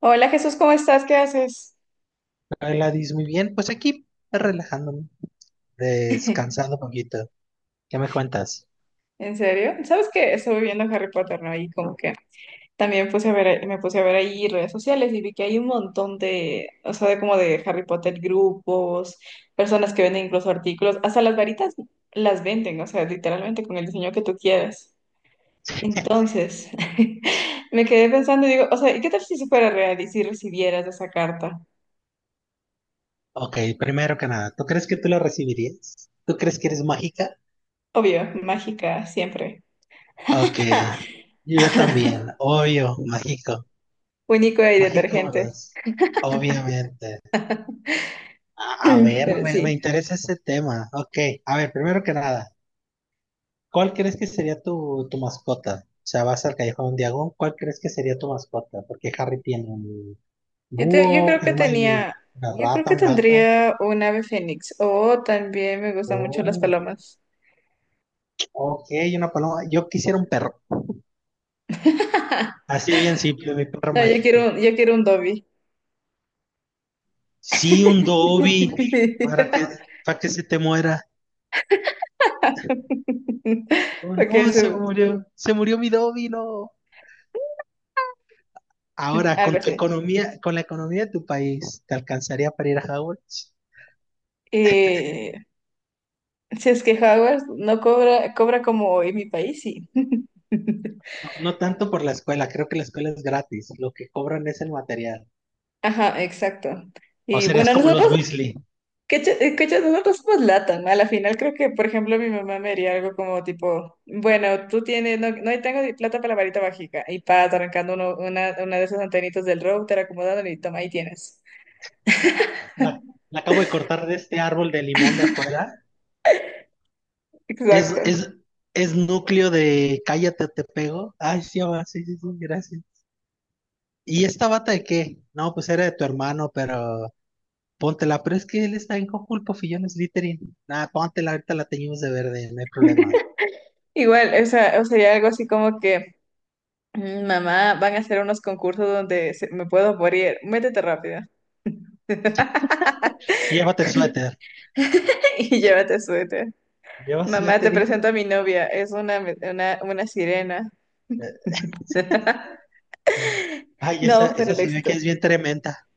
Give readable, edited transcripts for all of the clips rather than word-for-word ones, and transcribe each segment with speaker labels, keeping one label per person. Speaker 1: Hola Jesús, ¿cómo estás? ¿Qué haces?
Speaker 2: Gladys, muy bien. Pues aquí relajándome, descansando un poquito. ¿Qué me cuentas?
Speaker 1: ¿En serio? ¿Sabes qué? Estuve viendo Harry Potter, ¿no? Y como que también puse a ver, ahí- me puse a ver ahí redes sociales y vi que hay un montón de, o sea, de como de Harry Potter grupos, personas que venden incluso artículos, hasta las varitas las venden, o sea, literalmente con el diseño que tú quieras. Entonces, me quedé pensando y digo, o sea, ¿y qué tal si eso fuera real y si recibieras esa carta?
Speaker 2: Ok, primero que nada, ¿tú crees que tú la recibirías? ¿Tú crees que eres mágica?
Speaker 1: Obvio, mágica, siempre.
Speaker 2: Ok, yo también, obvio, mágico.
Speaker 1: Único y
Speaker 2: Mágico, ¿verdad?
Speaker 1: detergente.
Speaker 2: Obviamente. A ver,
Speaker 1: Pero
Speaker 2: me
Speaker 1: sí,
Speaker 2: interesa ese tema. Ok, a ver, primero que nada, ¿cuál crees que sería tu mascota? O sea, vas al Callejón de Diagon, ¿cuál crees que sería tu mascota? Porque Harry tiene un
Speaker 1: yo
Speaker 2: búho,
Speaker 1: creo que
Speaker 2: Hermione,
Speaker 1: tenía,
Speaker 2: una
Speaker 1: yo creo
Speaker 2: rata,
Speaker 1: que
Speaker 2: un gato.
Speaker 1: tendría un ave fénix o también me gustan mucho las
Speaker 2: Oh,
Speaker 1: palomas.
Speaker 2: ok, una paloma. Yo quisiera un perro. Así bien simple, mi perro
Speaker 1: No,
Speaker 2: mágico.
Speaker 1: yo quiero un Dobby.
Speaker 2: Sí, un Dobby, para que, para que se te muera. Oh,
Speaker 1: Porque
Speaker 2: no,
Speaker 1: es
Speaker 2: se
Speaker 1: un-
Speaker 2: murió. Se murió mi Dobby, no. Ahora,
Speaker 1: algo
Speaker 2: con tu
Speaker 1: así.
Speaker 2: economía, con la economía de tu país, ¿te alcanzaría para ir a Hogwarts?
Speaker 1: Eh, si es que Hogwarts no cobra, cobra como en mi país, sí.
Speaker 2: No, no tanto por la escuela, creo que la escuela es gratis. Lo que cobran es el material.
Speaker 1: Ajá, exacto.
Speaker 2: O
Speaker 1: Y
Speaker 2: serías
Speaker 1: bueno,
Speaker 2: como
Speaker 1: nosotros
Speaker 2: los Weasley.
Speaker 1: cachas, nosotros somos LATAM. A la final creo que, por ejemplo, mi mamá me haría algo como tipo, bueno, tú tienes, no, no tengo ni plata para la varita mágica. Y pa, arrancando una de esas antenitas del router, acomodándole y toma, ahí tienes.
Speaker 2: La, la acabo de cortar de este árbol de limón de afuera. Es,
Speaker 1: Exacto.
Speaker 2: es, es núcleo de cállate, te pego. Ay, sí, va, sí, sí, sí, gracias. ¿Y esta bata de qué? No, pues era de tu hermano, pero póntela. Pero es que él está en Conjul, Pofillón, es Littering. Nada, póntela, ahorita la teñimos de verde, no hay problema.
Speaker 1: Igual, o sea, o sería algo así como que, "Mm, mamá, van a hacer unos concursos donde se- me puedo morir. Métete rápido
Speaker 2: Y llévate el suéter.
Speaker 1: y llévate suéter.
Speaker 2: ¿Llevas
Speaker 1: Mamá, te
Speaker 2: suéter, hijo?
Speaker 1: presento a mi novia. Es una sirena.
Speaker 2: Eh, Ay, esa,
Speaker 1: No, pero
Speaker 2: esa
Speaker 1: el
Speaker 2: se ve que
Speaker 1: éxito.
Speaker 2: es bien tremenda.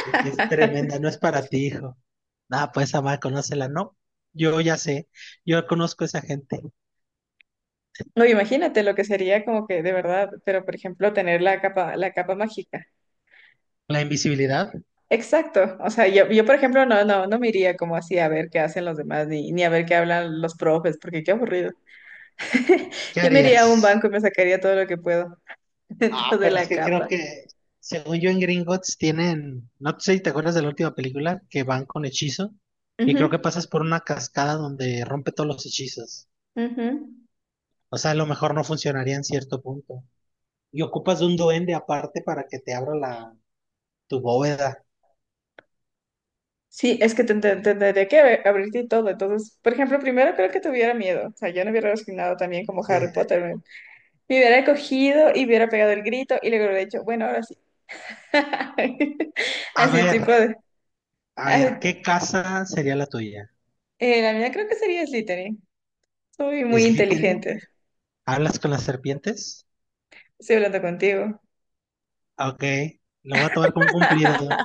Speaker 2: De que es tremenda, no es para ti, hijo. Nada, pues, amar, conócela, ¿no? Yo ya sé, yo conozco a esa gente.
Speaker 1: No, imagínate lo que sería como que de verdad, pero por ejemplo tener la capa mágica.
Speaker 2: La invisibilidad,
Speaker 1: Exacto. O sea, yo por ejemplo no me iría como así a ver qué hacen los demás ni a ver qué hablan los profes, porque qué aburrido.
Speaker 2: ¿qué
Speaker 1: Yo me iría a un
Speaker 2: harías?
Speaker 1: banco y me sacaría todo lo que puedo dentro
Speaker 2: Ah,
Speaker 1: de
Speaker 2: pero es
Speaker 1: la
Speaker 2: que creo
Speaker 1: capa.
Speaker 2: que, según yo en Gringotts tienen, no sé si te acuerdas de la última película, que van con hechizo, y creo que
Speaker 1: Ujú,
Speaker 2: pasas por una cascada donde rompe todos los hechizos.
Speaker 1: ujú.
Speaker 2: O sea, a lo mejor no funcionaría en cierto punto. Y ocupas de un duende aparte para que te abra la, tu bóveda.
Speaker 1: Sí, es que tendría que abrir- abrirte y todo. Entonces, por ejemplo, primero creo que tuviera miedo. O sea, yo no hubiera resignado también como
Speaker 2: Sí.
Speaker 1: Harry Potter. Me hubiera cogido y hubiera pegado el grito y luego hubiera dicho, bueno, ahora sí.
Speaker 2: A
Speaker 1: Así tipo
Speaker 2: ver,
Speaker 1: de...
Speaker 2: a ver,
Speaker 1: así-
Speaker 2: ¿qué casa sería la tuya?
Speaker 1: la mía creo que sería Slytherin. Soy muy
Speaker 2: ¿Slytherin?
Speaker 1: inteligente.
Speaker 2: ¿Hablas con las serpientes?
Speaker 1: Estoy hablando contigo.
Speaker 2: Ok, lo voy a tomar como un cumplido.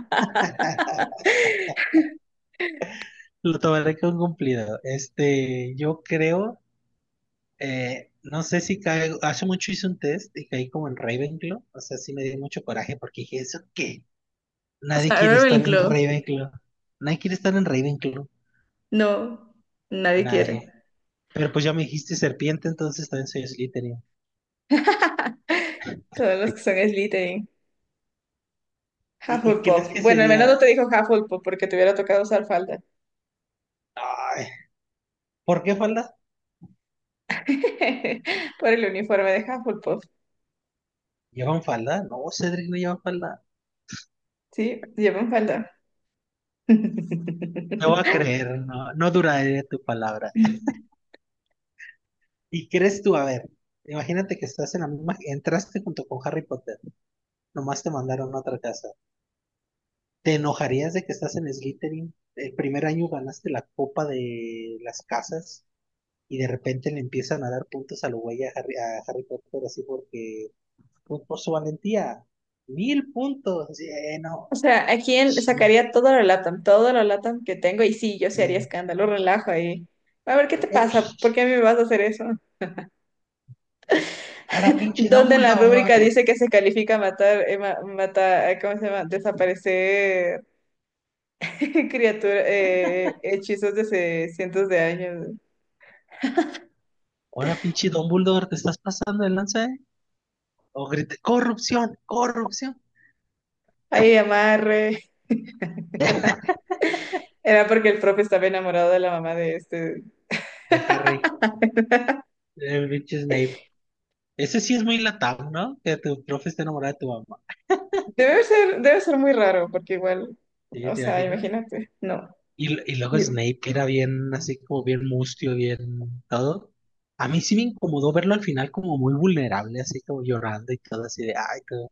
Speaker 2: Lo tomaré como un cumplido. Este, yo creo. No sé si caigo, hace mucho hice un test y caí como en Ravenclaw, o sea, sí me dio mucho coraje porque dije, ¿eso qué?
Speaker 1: O
Speaker 2: Nadie
Speaker 1: sea,
Speaker 2: quiere estar en
Speaker 1: Ravenclaw.
Speaker 2: Ravenclaw, nadie quiere estar en Ravenclaw,
Speaker 1: No, nadie quiere.
Speaker 2: nadie. Pero pues ya me dijiste serpiente, entonces también soy Slytherin.
Speaker 1: Todos los que son Slytherin.
Speaker 2: ¿Y crees
Speaker 1: Hufflepuff.
Speaker 2: que
Speaker 1: Bueno, al menos no te
Speaker 2: sería...
Speaker 1: dijo Hufflepuff porque te hubiera tocado usar falda.
Speaker 2: Ay, ¿por qué falda?
Speaker 1: Por el uniforme de Hufflepuff.
Speaker 2: ¿Llevan falda? No, Cedric no lleva falda.
Speaker 1: Sí, llevan falda.
Speaker 2: Te voy a creer, no, no duraré tu palabra. ¿Y crees tú, a ver, imagínate que estás en la misma, entraste junto con Harry Potter, nomás te mandaron a otra casa. ¿Te enojarías de que estás en Slytherin? El primer año ganaste la copa de las casas y de repente le empiezan a dar puntos a lo güey a Harry Potter así porque pues, por su valentía. Mil puntos. Sí,
Speaker 1: O
Speaker 2: no.
Speaker 1: sea, aquí en-
Speaker 2: Ch-
Speaker 1: sacaría todo lo LATAM que tengo y sí, yo sí haría
Speaker 2: eh,
Speaker 1: escándalo, relajo ahí. A ver, ¿qué te
Speaker 2: eh,
Speaker 1: pasa? ¿Por
Speaker 2: sh-
Speaker 1: qué a mí me vas a hacer eso?
Speaker 2: ahora pinche
Speaker 1: ¿Dónde en la rúbrica
Speaker 2: Dumbledore.
Speaker 1: dice que se califica matar, ¿cómo se llama? Desaparecer criaturas, hechizos de hace cientos de años.
Speaker 2: Ahora pinche Dumbledore, te estás pasando el lance, ¿eh? O grite, corrupción, corrupción.
Speaker 1: Ahí amarre. Era porque el profe estaba enamorado de la mamá de este.
Speaker 2: De Harry. El pinche Snape. Ese sí es muy latado, ¿no? Que tu profe esté enamorado de tu mamá.
Speaker 1: Debe ser muy raro, porque igual,
Speaker 2: ¿Sí?
Speaker 1: o
Speaker 2: ¿Te
Speaker 1: sea,
Speaker 2: imaginas?
Speaker 1: imagínate, no.
Speaker 2: Y luego Snape, que era bien así como bien mustio, bien todo. A mí sí me incomodó verlo al final como muy vulnerable, así como llorando y todo así de, ay, todo,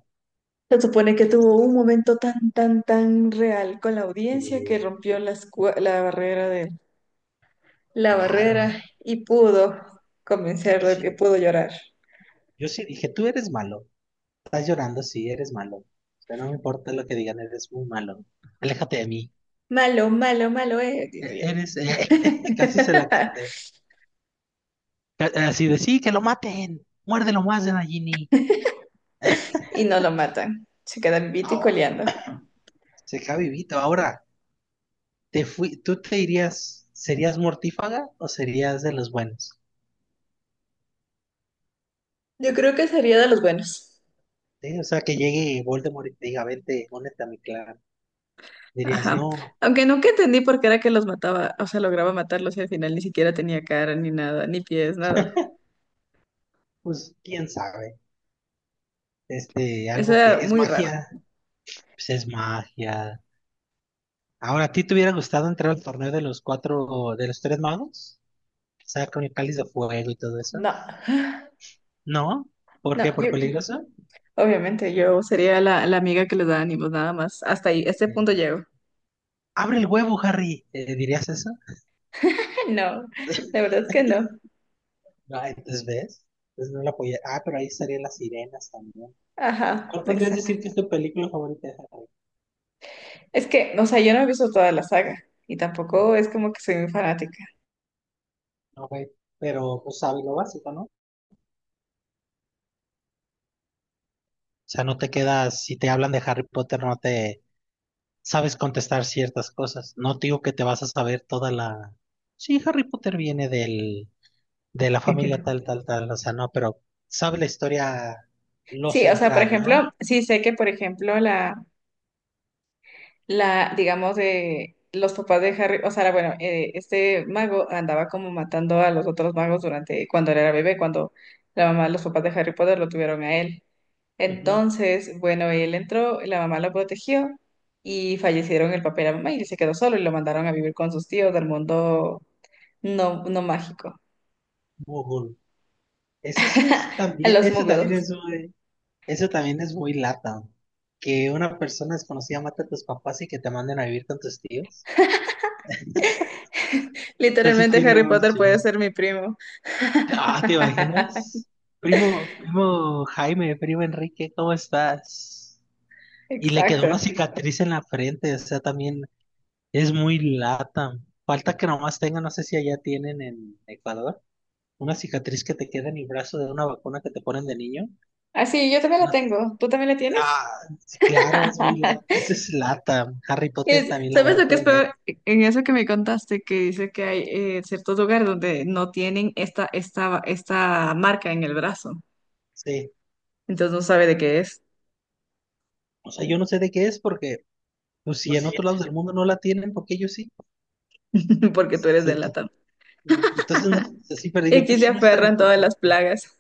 Speaker 1: Se supone que tuvo un momento tan real con la audiencia que
Speaker 2: eh,
Speaker 1: rompió las cua- la, barrera de la
Speaker 2: claro.
Speaker 1: barrera y pudo convencer
Speaker 2: Yo
Speaker 1: de que
Speaker 2: sí,
Speaker 1: pudo llorar.
Speaker 2: yo sí dije, tú eres malo, estás llorando, sí, eres malo. O sea, no me importa lo que digan, eres muy malo. Aléjate de mí.
Speaker 1: Malo, malo, malo es,
Speaker 2: E-
Speaker 1: dice
Speaker 2: Eres,
Speaker 1: yo.
Speaker 2: eh, casi se la canté. Así de, sí, que lo maten, muérdelo más de Nagini.
Speaker 1: Y no lo matan. Se queda vivito y
Speaker 2: Ah,
Speaker 1: coleando.
Speaker 2: se queda vivito ahora. Te fui, ¿tú te irías, serías mortífaga o serías de los buenos?
Speaker 1: Yo creo que sería de los buenos.
Speaker 2: ¿Sí? O sea, que llegue Voldemort y te diga, vente, únete a mi clan. Dirías,
Speaker 1: Ajá.
Speaker 2: no,
Speaker 1: Aunque nunca entendí por qué era que los mataba, o sea, lograba matarlos y al final ni siquiera tenía cara, ni nada, ni pies, nada.
Speaker 2: pues quién sabe. Este,
Speaker 1: Eso
Speaker 2: algo que
Speaker 1: era
Speaker 2: es
Speaker 1: muy raro.
Speaker 2: magia, pues es magia. Ahora, ¿a ti te hubiera gustado entrar al torneo de los cuatro, de los tres magos? O sea, con el cáliz de fuego y todo eso.
Speaker 1: No,
Speaker 2: ¿No? ¿Por
Speaker 1: no,
Speaker 2: qué? ¿Por
Speaker 1: yo,
Speaker 2: peligroso?
Speaker 1: Obviamente, yo sería la amiga que les da ánimos, nada más. Hasta ahí, a este
Speaker 2: Sí.
Speaker 1: punto llego.
Speaker 2: Abre el huevo, Harry. ¿Dirías eso?
Speaker 1: No, la verdad es que no.
Speaker 2: No, entonces ves. Entonces no lo apoyé. Ah, pero ahí estarían las sirenas también.
Speaker 1: Ajá,
Speaker 2: ¿Cuál podrías
Speaker 1: exacto.
Speaker 2: decir que es tu película favorita de Harry?
Speaker 1: Es que, o sea, yo no he visto toda la saga y tampoco es como que soy muy fanática.
Speaker 2: No, güey, pero pues sabes lo básico, ¿no? O sea, no te quedas, si te hablan de Harry Potter, no te sabes contestar ciertas cosas. No te digo que te vas a saber toda la... Sí, Harry Potter viene de la familia tal, tal, tal, o sea, no, pero sabe la historia, lo
Speaker 1: Sí, o sea, por
Speaker 2: central, ¿no?
Speaker 1: ejemplo, sí sé que, por ejemplo, la, digamos, de los papás de Harry, o sea, bueno, este mago andaba como matando a los otros magos durante, cuando él era bebé, cuando la mamá, los papás de Harry Potter lo tuvieron a él.
Speaker 2: Ujú.
Speaker 1: Entonces, bueno, él entró, la mamá lo protegió y fallecieron el papá y la mamá y él se quedó solo y lo mandaron a vivir con sus tíos del mundo no mágico,
Speaker 2: Google. Eso sí es
Speaker 1: a
Speaker 2: también,
Speaker 1: los muggles.
Speaker 2: eso también es muy lata. Que una persona desconocida mate a tus papás y que te manden a vivir con tus tíos. Sea, sí
Speaker 1: Literalmente
Speaker 2: tiene
Speaker 1: Harry
Speaker 2: un
Speaker 1: Potter puede
Speaker 2: sí.
Speaker 1: ser mi primo.
Speaker 2: Ah, ¿te imaginas? Primo, primo Jaime, primo Enrique, ¿cómo estás? Y le quedó
Speaker 1: Exacto.
Speaker 2: una cicatriz en la frente, o sea, también es muy lata. Falta que nomás tenga, no sé si allá tienen en Ecuador, una cicatriz que te queda en el brazo de una vacuna que te ponen de niño.
Speaker 1: Así, yo también la
Speaker 2: No,
Speaker 1: tengo. ¿Tú también la tienes?
Speaker 2: ah, sí, claro, es muy lata. Esa es lata. Harry Potter
Speaker 1: Es-
Speaker 2: también la va
Speaker 1: ¿sabes
Speaker 2: a
Speaker 1: lo que es peor?
Speaker 2: tener.
Speaker 1: En eso que me contaste, que dice que hay ciertos lugares donde no tienen esta marca en el brazo.
Speaker 2: Sí.
Speaker 1: Entonces no sabe de qué es,
Speaker 2: O sea, yo no sé de qué es porque, pues si en otros lados del mundo no la tienen, porque ellos
Speaker 1: porque tú eres de
Speaker 2: sí.
Speaker 1: la.
Speaker 2: Entonces, no es así, pero
Speaker 1: Y
Speaker 2: digo,
Speaker 1: aquí se
Speaker 2: entonces no es tan
Speaker 1: aferran todas las
Speaker 2: importante.
Speaker 1: plagas.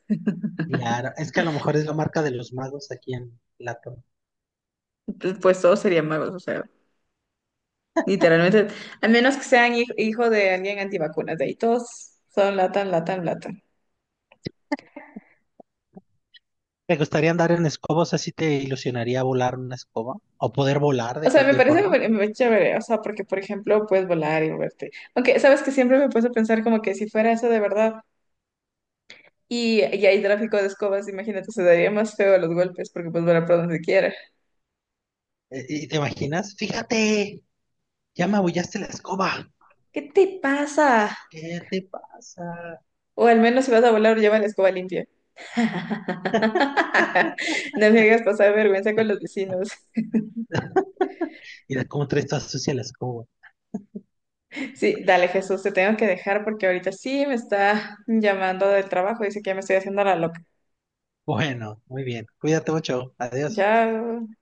Speaker 2: Claro, es que a lo mejor es la marca de los magos aquí en Platón.
Speaker 1: Entonces, pues todos serían magos, o sea, literalmente, al menos que sean hij- hijo de alguien antivacunas, de ahí todos son latan, latan, latan.
Speaker 2: ¿Te gustaría andar en escobos? ¿Así te ilusionaría volar una escoba? ¿O poder volar de
Speaker 1: O sea, me
Speaker 2: cualquier
Speaker 1: parece
Speaker 2: forma?
Speaker 1: muy- muy chévere, o sea, porque, por ejemplo, puedes volar y moverte. Aunque, sabes que siempre me puse a pensar como que si fuera eso de verdad y hay tráfico de escobas, imagínate, se daría más feo los golpes porque puedes volar por donde quiera.
Speaker 2: ¿Y te imaginas? Fíjate, ya me abollaste la escoba.
Speaker 1: ¿Qué te pasa?
Speaker 2: ¿Qué te pasa?
Speaker 1: O al menos si vas a volar, lleva la escoba limpia. No me hagas pasar vergüenza con los vecinos.
Speaker 2: Mira cómo traes toda sucia la escoba.
Speaker 1: Sí, dale Jesús, te tengo que dejar porque ahorita sí me está llamando del trabajo, dice que ya me estoy haciendo la loca.
Speaker 2: Bueno, muy bien. Cuídate mucho. Adiós.
Speaker 1: Ya